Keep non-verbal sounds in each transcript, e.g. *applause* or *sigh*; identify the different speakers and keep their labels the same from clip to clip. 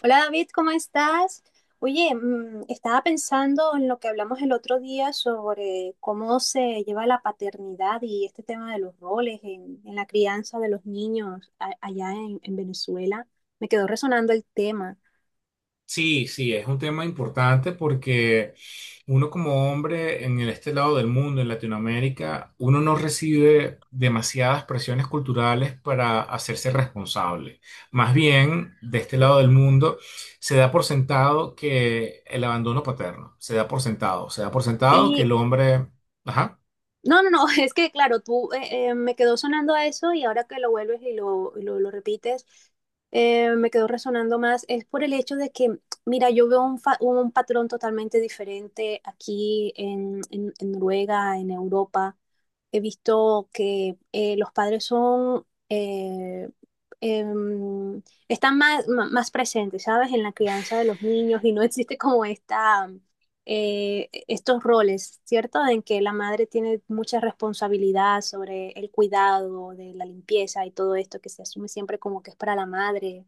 Speaker 1: Hola David, ¿cómo estás? Oye, estaba pensando en lo que hablamos el otro día sobre cómo se lleva la paternidad y este tema de los roles en la crianza de los niños allá en Venezuela. Me quedó resonando el tema.
Speaker 2: Sí, sí, es un tema importante porque uno como hombre en este lado del mundo, en Latinoamérica, uno no recibe demasiadas presiones culturales para hacerse responsable. Más bien, de este lado del mundo, se da por sentado que el abandono paterno, se da por sentado, se da por sentado que
Speaker 1: Y
Speaker 2: el hombre... Ajá.
Speaker 1: no, no, no, *laughs* es que claro, tú me quedó sonando a eso y ahora que lo vuelves y lo repites, me quedó resonando más. Es por el hecho de que, mira, yo veo un patrón totalmente diferente aquí en Noruega, en Europa. He visto que los padres son, em, están más presentes, ¿sabes? En la crianza de los niños y no existe como esta estos roles, ¿cierto? En que la madre tiene mucha responsabilidad sobre el cuidado, de la limpieza y todo esto que se asume siempre como que es para la madre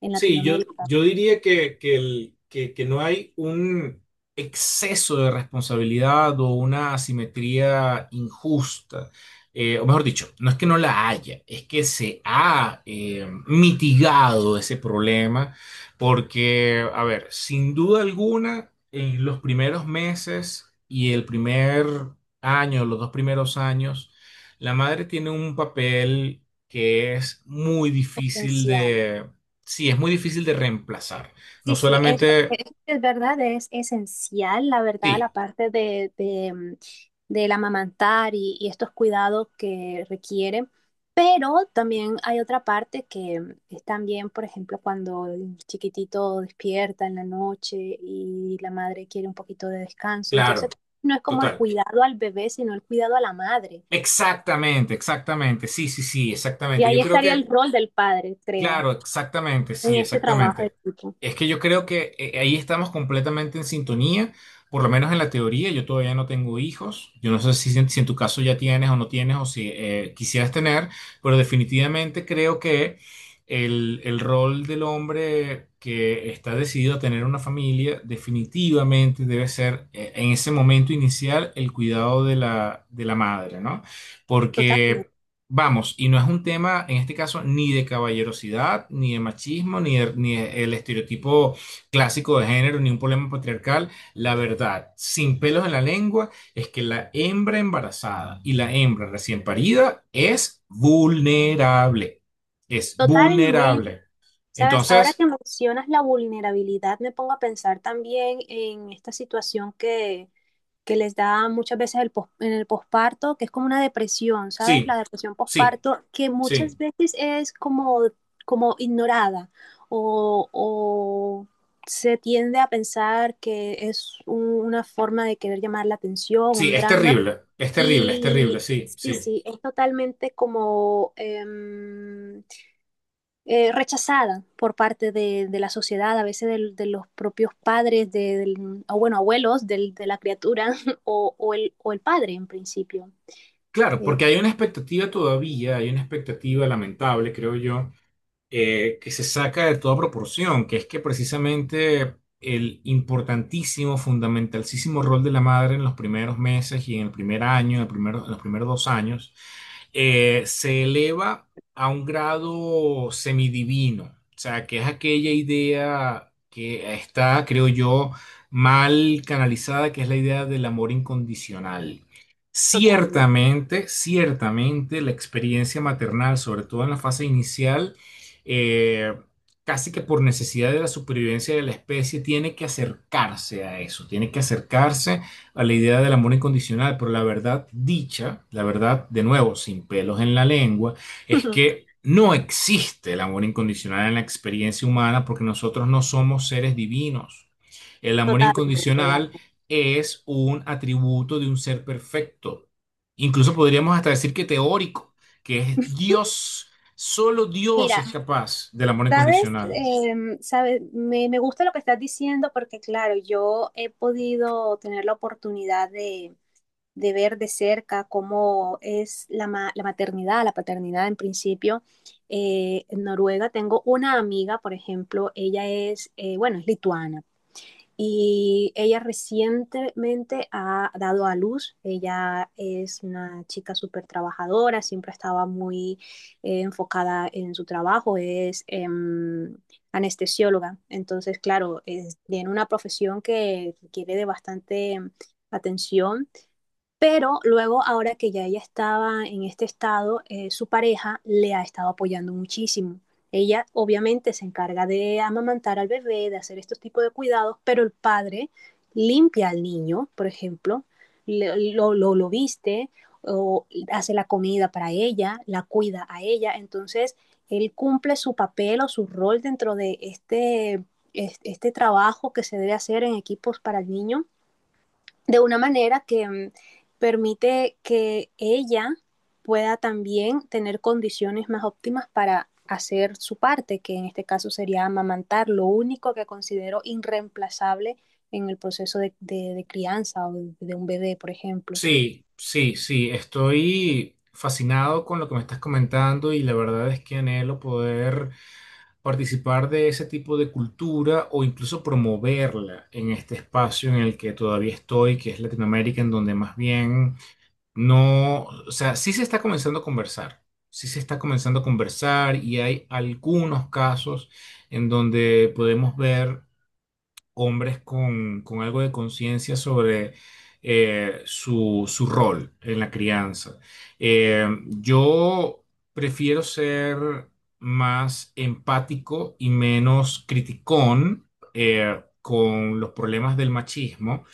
Speaker 1: en
Speaker 2: Sí, yo,
Speaker 1: Latinoamérica,
Speaker 2: yo diría que no hay un exceso de responsabilidad o una asimetría injusta. O mejor dicho, no es que no la haya, es que se ha mitigado ese problema porque, a ver, sin duda alguna, en los primeros meses y el primer año, los dos primeros años, la madre tiene un papel que es muy difícil,
Speaker 1: esencial.
Speaker 2: sí, es muy difícil de reemplazar. No
Speaker 1: Sí, sí, eso
Speaker 2: solamente,
Speaker 1: es verdad, es esencial, la verdad, la
Speaker 2: sí,
Speaker 1: parte de del amamantar y estos cuidados que requiere, pero también hay otra parte que es también, por ejemplo, cuando el chiquitito despierta en la noche y la madre quiere un poquito de descanso, entonces
Speaker 2: claro,
Speaker 1: no es como el
Speaker 2: total.
Speaker 1: cuidado al bebé, sino el cuidado a la madre.
Speaker 2: Exactamente, exactamente, sí, sí, sí,
Speaker 1: Y
Speaker 2: exactamente. Yo
Speaker 1: ahí
Speaker 2: creo
Speaker 1: estaría el
Speaker 2: que
Speaker 1: rol del padre, creo,
Speaker 2: claro, exactamente,
Speaker 1: en
Speaker 2: sí,
Speaker 1: este trabajo de
Speaker 2: exactamente.
Speaker 1: equipo.
Speaker 2: Es que yo creo que ahí estamos completamente en sintonía, por lo menos en la teoría. Yo todavía no tengo hijos. Yo no sé si, en tu caso ya tienes o no tienes, o si quisieras tener, pero definitivamente creo que el rol del hombre que está decidido a tener una familia definitivamente debe ser, en ese momento inicial, el cuidado de de la madre, ¿no? Porque...
Speaker 1: Totalmente.
Speaker 2: Vamos, y no es un tema, en este caso, ni de caballerosidad, ni de machismo, ni el estereotipo clásico de género, ni un problema patriarcal. La verdad, sin pelos en la lengua, es que la hembra embarazada y la hembra recién parida es vulnerable. Es
Speaker 1: Totalmente.
Speaker 2: vulnerable.
Speaker 1: Sabes, ahora que
Speaker 2: Entonces,
Speaker 1: mencionas la vulnerabilidad, me pongo a pensar también en esta situación que les da muchas veces el en el posparto, que es como una depresión, ¿sabes?
Speaker 2: sí,
Speaker 1: La depresión
Speaker 2: sí,
Speaker 1: posparto, que
Speaker 2: sí,
Speaker 1: muchas veces es como, como ignorada o se tiende a pensar que es una forma de querer llamar la atención,
Speaker 2: sí,
Speaker 1: un
Speaker 2: es
Speaker 1: drama.
Speaker 2: terrible, es terrible, es terrible,
Speaker 1: Y
Speaker 2: sí,
Speaker 1: sí,
Speaker 2: sí.
Speaker 1: sí, es totalmente como... rechazada por parte de la sociedad, a veces de los propios padres, o bueno, abuelos de la criatura *laughs* o el padre en principio.
Speaker 2: Claro,
Speaker 1: Eh,
Speaker 2: porque hay una expectativa todavía, hay una expectativa lamentable, creo yo, que se saca de toda proporción, que es que precisamente el importantísimo, fundamentalísimo rol de la madre en los primeros meses y en el primer año, en en los primeros dos años, se eleva a un grado semidivino, o sea, que es aquella idea que está, creo yo, mal canalizada, que es la idea del amor incondicional.
Speaker 1: totalmente.
Speaker 2: Ciertamente, ciertamente la experiencia maternal, sobre todo en la fase inicial, eh, casi que por necesidad de la supervivencia de la especie, tiene que acercarse a eso, tiene que acercarse a la idea del amor incondicional, pero la verdad dicha, la verdad de nuevo, sin pelos en la lengua, es
Speaker 1: *laughs*
Speaker 2: que no existe el amor incondicional en la experiencia humana porque nosotros no somos seres divinos. El amor incondicional
Speaker 1: Relax.
Speaker 2: es un atributo de un ser perfecto. Incluso podríamos hasta decir que teórico, que es Dios. Solo Dios
Speaker 1: Mira,
Speaker 2: es capaz del amor
Speaker 1: sabes,
Speaker 2: incondicional.
Speaker 1: sabes me, me gusta lo que estás diciendo porque claro, yo he podido tener la oportunidad de ver de cerca cómo es la maternidad, la paternidad en principio. En Noruega tengo una amiga, por ejemplo, bueno, es lituana y ella recientemente ha dado a luz. Ella es una chica súper trabajadora, siempre estaba muy enfocada en su trabajo, es anestesióloga. Entonces, claro, es, tiene una profesión que requiere de bastante atención pero luego, ahora que ya ella estaba en este estado, su pareja le ha estado apoyando muchísimo. Ella obviamente se encarga de amamantar al bebé, de hacer estos tipos de cuidados, pero el padre limpia al niño, por ejemplo, lo viste o hace la comida para ella, la cuida a ella. Entonces, él cumple su papel o su rol dentro de este, este trabajo que se debe hacer en equipos para el niño de una manera que permite que ella pueda también tener condiciones más óptimas para hacer su parte, que en este caso sería amamantar, lo único que considero irreemplazable en el proceso de crianza o de un bebé, por ejemplo.
Speaker 2: Sí, sí, sí, estoy fascinado con lo que me estás comentando y la verdad es que anhelo poder participar de ese tipo de cultura o incluso promoverla en este espacio en el que todavía estoy, que es Latinoamérica, en donde más bien no, o sea, sí se está comenzando a conversar, sí se está comenzando a conversar, y hay algunos casos en donde podemos ver hombres con algo de conciencia sobre su rol en la crianza. Yo prefiero ser más empático y menos criticón con los problemas del machismo.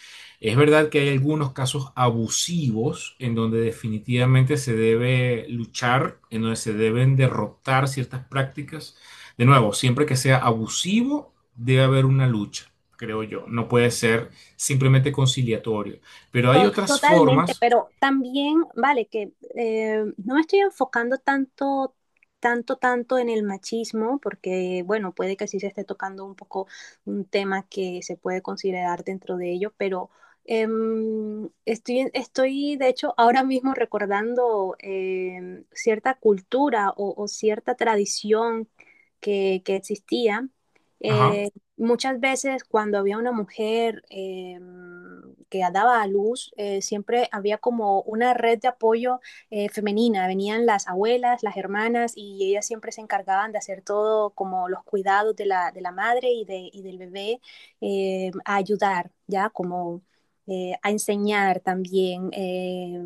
Speaker 2: Es verdad que hay algunos casos abusivos en donde definitivamente se debe luchar, en donde se deben derrotar ciertas prácticas. De nuevo, siempre que sea abusivo, debe haber una lucha, creo yo. No puede ser simplemente conciliatorio. Pero hay otras
Speaker 1: Totalmente,
Speaker 2: formas.
Speaker 1: pero también, vale, que no me estoy enfocando tanto en el machismo, porque, bueno, puede que sí se esté tocando un poco un tema que se puede considerar dentro de ello, pero estoy, de hecho, ahora mismo recordando cierta cultura o cierta tradición que existía.
Speaker 2: Ajá,
Speaker 1: eh, muchas veces cuando había una mujer que daba a luz, siempre había como una red de apoyo femenina. Venían las abuelas, las hermanas y ellas siempre se encargaban de hacer todo como los cuidados de de la madre y del bebé, a ayudar, ¿ya? Como a enseñar también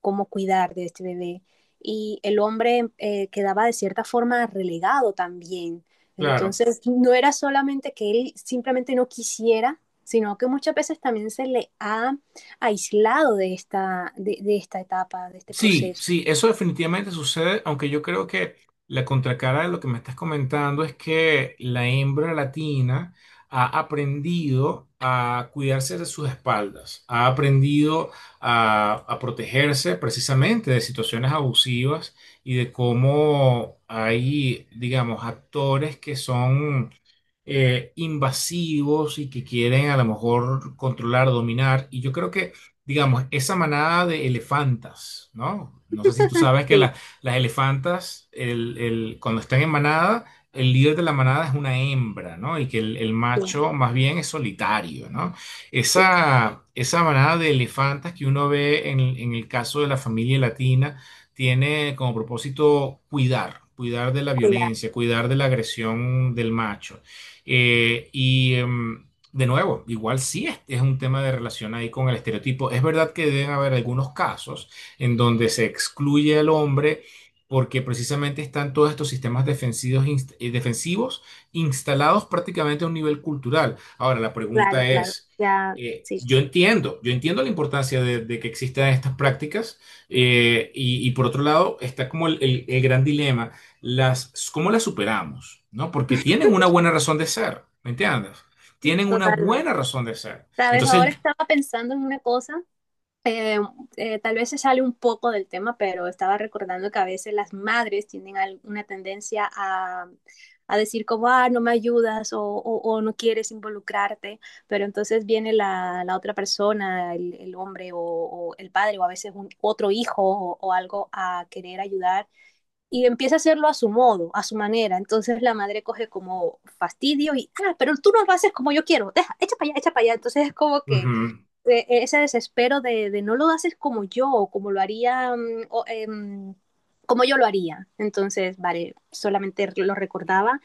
Speaker 1: cómo cuidar de este bebé. Y el hombre quedaba de cierta forma relegado también
Speaker 2: claro.
Speaker 1: entonces, no era solamente que él simplemente no quisiera, sino que muchas veces también se le ha aislado de esta, de esta etapa, de este
Speaker 2: Sí,
Speaker 1: proceso.
Speaker 2: sí, eso definitivamente sucede, aunque yo creo que la contracara de lo que me estás comentando es que la hembra latina ha aprendido a cuidarse de sus espaldas, ha aprendido a protegerse precisamente de situaciones abusivas y de cómo hay, digamos, actores que son invasivos y que quieren a lo mejor controlar, dominar. Y yo creo que, digamos, esa manada de elefantas, ¿no? No sé si tú sabes que
Speaker 1: Sí,
Speaker 2: las elefantas, cuando están en manada, el líder de la manada es una hembra, ¿no? Y que el
Speaker 1: sí,
Speaker 2: macho más bien es solitario, ¿no?
Speaker 1: sí,
Speaker 2: Esa manada de elefantas que uno ve en el caso de la familia latina tiene como propósito cuidar. Cuidar de la
Speaker 1: claro,
Speaker 2: violencia, cuidar de la agresión del macho. Eh, y, em, de nuevo, igual sí es un tema de relación ahí con el estereotipo. Es verdad que deben haber algunos casos en donde se excluye al hombre porque precisamente están todos estos sistemas defensivos, defensivos instalados prácticamente a un nivel cultural. Ahora, la
Speaker 1: claro,
Speaker 2: pregunta
Speaker 1: claro,
Speaker 2: es,
Speaker 1: ya,
Speaker 2: eh,
Speaker 1: sí,
Speaker 2: yo entiendo, yo entiendo la importancia de que existan estas prácticas, y por otro lado está como el gran dilema, las, ¿cómo las superamos? ¿No? Porque tienen una buena razón de ser, ¿me entiendes? Tienen una
Speaker 1: totalmente.
Speaker 2: buena razón de ser.
Speaker 1: Sabes,
Speaker 2: Entonces,
Speaker 1: ahora estaba pensando en una cosa eh, tal vez se sale un poco del tema, pero estaba recordando que a veces las madres tienen alguna tendencia a decir como, ah, no me ayudas o no quieres involucrarte, pero entonces viene la otra persona, el hombre el padre o a veces otro hijo o algo a querer ayudar y empieza a hacerlo a su modo, a su manera. Entonces la madre coge como fastidio y, ah, pero tú no lo haces como yo quiero, deja, echa para allá, echa para allá. Entonces es como que
Speaker 2: ujú.
Speaker 1: ese desespero de no lo haces como yo, o como lo haría, como yo lo haría. Entonces, vale, solamente lo recordaba.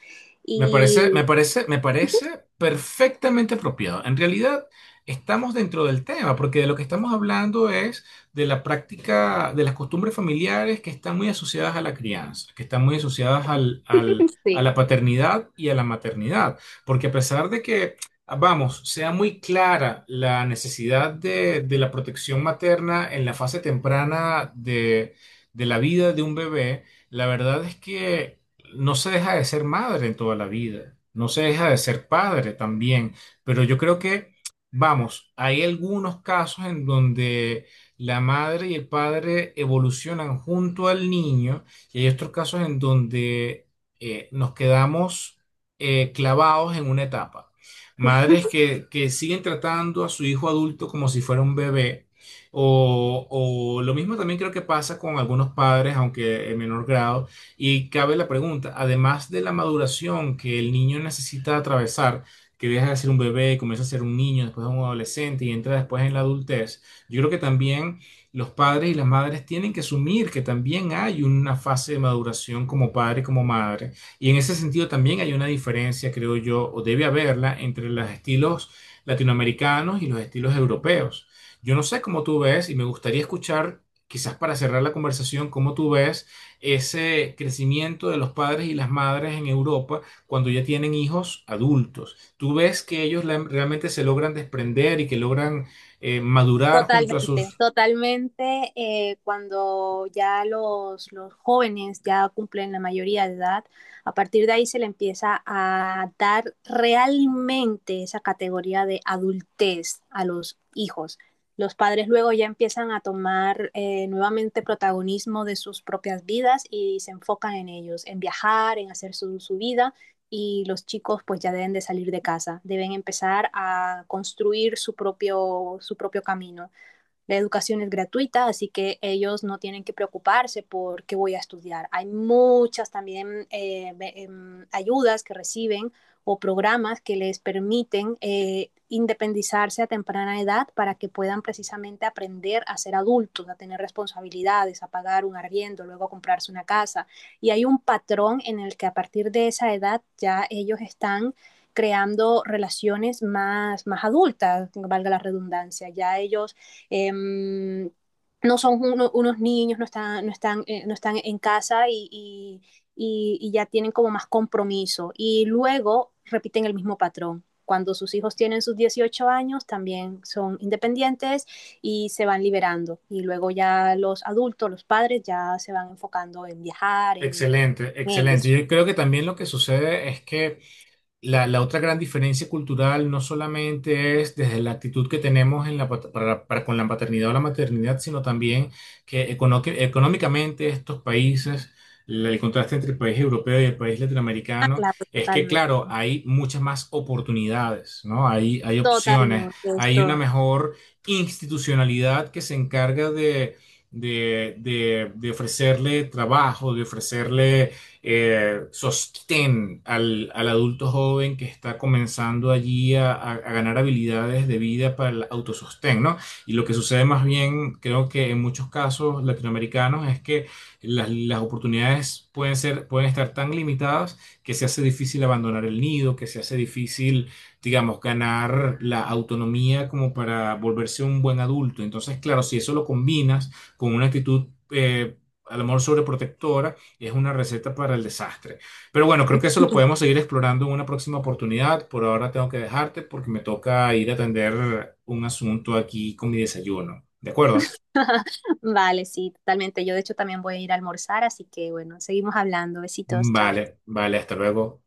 Speaker 2: Me parece, me
Speaker 1: Y
Speaker 2: parece, me parece perfectamente apropiado. En realidad, estamos dentro del tema, porque de lo que estamos hablando es de la práctica, de las costumbres familiares que están muy asociadas a la crianza, que están muy asociadas a
Speaker 1: *laughs*
Speaker 2: la paternidad y a la maternidad. Porque a pesar de que, vamos, sea muy clara la necesidad de la protección materna en la fase temprana de la vida de un bebé, la verdad es que no se deja de ser madre toda la vida, no se deja de ser padre también, pero yo creo que, vamos, hay algunos casos en donde la madre y el padre evolucionan junto al niño, y hay otros casos en donde nos quedamos, clavados en una etapa. Madres que siguen tratando a su hijo adulto como si fuera un bebé. O lo mismo también creo que pasa con algunos padres, aunque en menor grado, y cabe la pregunta, además de la maduración que el niño necesita atravesar, que deja de ser un bebé, comienza a ser un niño, después un adolescente y entra después en la adultez, yo creo que también los padres y las madres tienen que asumir que también hay una fase de maduración como padre y como madre. Y en ese sentido también hay una diferencia, creo yo, o debe haberla, entre los estilos latinoamericanos y los estilos europeos. Yo no sé cómo tú ves, y me gustaría escuchar, quizás para cerrar la conversación, cómo tú ves ese crecimiento de los padres y las madres en Europa cuando ya tienen hijos adultos. Tú ves que ellos realmente se logran desprender y que logran madurar junto a
Speaker 1: totalmente,
Speaker 2: sus...
Speaker 1: totalmente. Cuando ya los jóvenes ya cumplen la mayoría de edad, a partir de ahí se le empieza a dar realmente esa categoría de adultez a los hijos. Los padres luego ya empiezan a tomar nuevamente protagonismo de sus propias vidas y se enfocan en ellos, en viajar, en hacer su vida y los chicos pues ya deben de salir de casa, deben empezar a construir su propio camino la educación es gratuita, así que ellos no tienen que preocuparse por qué voy a estudiar. Hay muchas también ayudas que reciben o programas que les permiten independizarse a temprana edad para que puedan precisamente aprender a ser adultos, a tener responsabilidades, a pagar un arriendo, luego a comprarse una casa. Y hay un patrón en el que a partir de esa edad ya ellos están creando relaciones más adultas, valga la redundancia. Ya ellos eh, no son unos niños, no están en casa y ya tienen como más compromiso. Y luego repiten el mismo patrón. Cuando sus hijos tienen sus 18 años, también son independientes y se van liberando. Y luego ya los adultos, los padres, ya se van enfocando en viajar,
Speaker 2: Excelente,
Speaker 1: en
Speaker 2: excelente.
Speaker 1: ellos.
Speaker 2: Yo creo que también lo que sucede es que la otra gran diferencia cultural no solamente es desde la actitud que tenemos en para con la paternidad o la maternidad, sino también que que económicamente estos países, el contraste entre el país europeo y el país
Speaker 1: Ah,
Speaker 2: latinoamericano,
Speaker 1: claro,
Speaker 2: es que,
Speaker 1: totalmente.
Speaker 2: claro, hay muchas más oportunidades, ¿no? Hay opciones,
Speaker 1: Totalmente,
Speaker 2: hay una
Speaker 1: esto.
Speaker 2: mejor institucionalidad que se encarga de... de ofrecerle trabajo, de ofrecerle sostén al adulto joven que está comenzando allí a, a ganar habilidades de vida para el autosostén, ¿no? Y lo que sucede más bien, creo que en muchos casos latinoamericanos, es que las oportunidades pueden ser, pueden estar tan limitadas que se hace difícil abandonar el nido, que se hace difícil, digamos, ganar la autonomía como para volverse un buen adulto. Entonces, claro, si eso lo combinas con una actitud... a lo mejor sobreprotectora, es una receta para el desastre. Pero bueno, creo que eso lo
Speaker 1: *laughs*
Speaker 2: podemos seguir explorando en una próxima oportunidad. Por ahora tengo que dejarte porque me toca ir a atender un asunto aquí con mi desayuno. ¿De acuerdo?
Speaker 1: *laughs* Vale, sí, totalmente. Yo de hecho también voy a ir a almorzar, así que bueno, seguimos hablando. Besitos, chao.
Speaker 2: Vale, vale, hasta luego.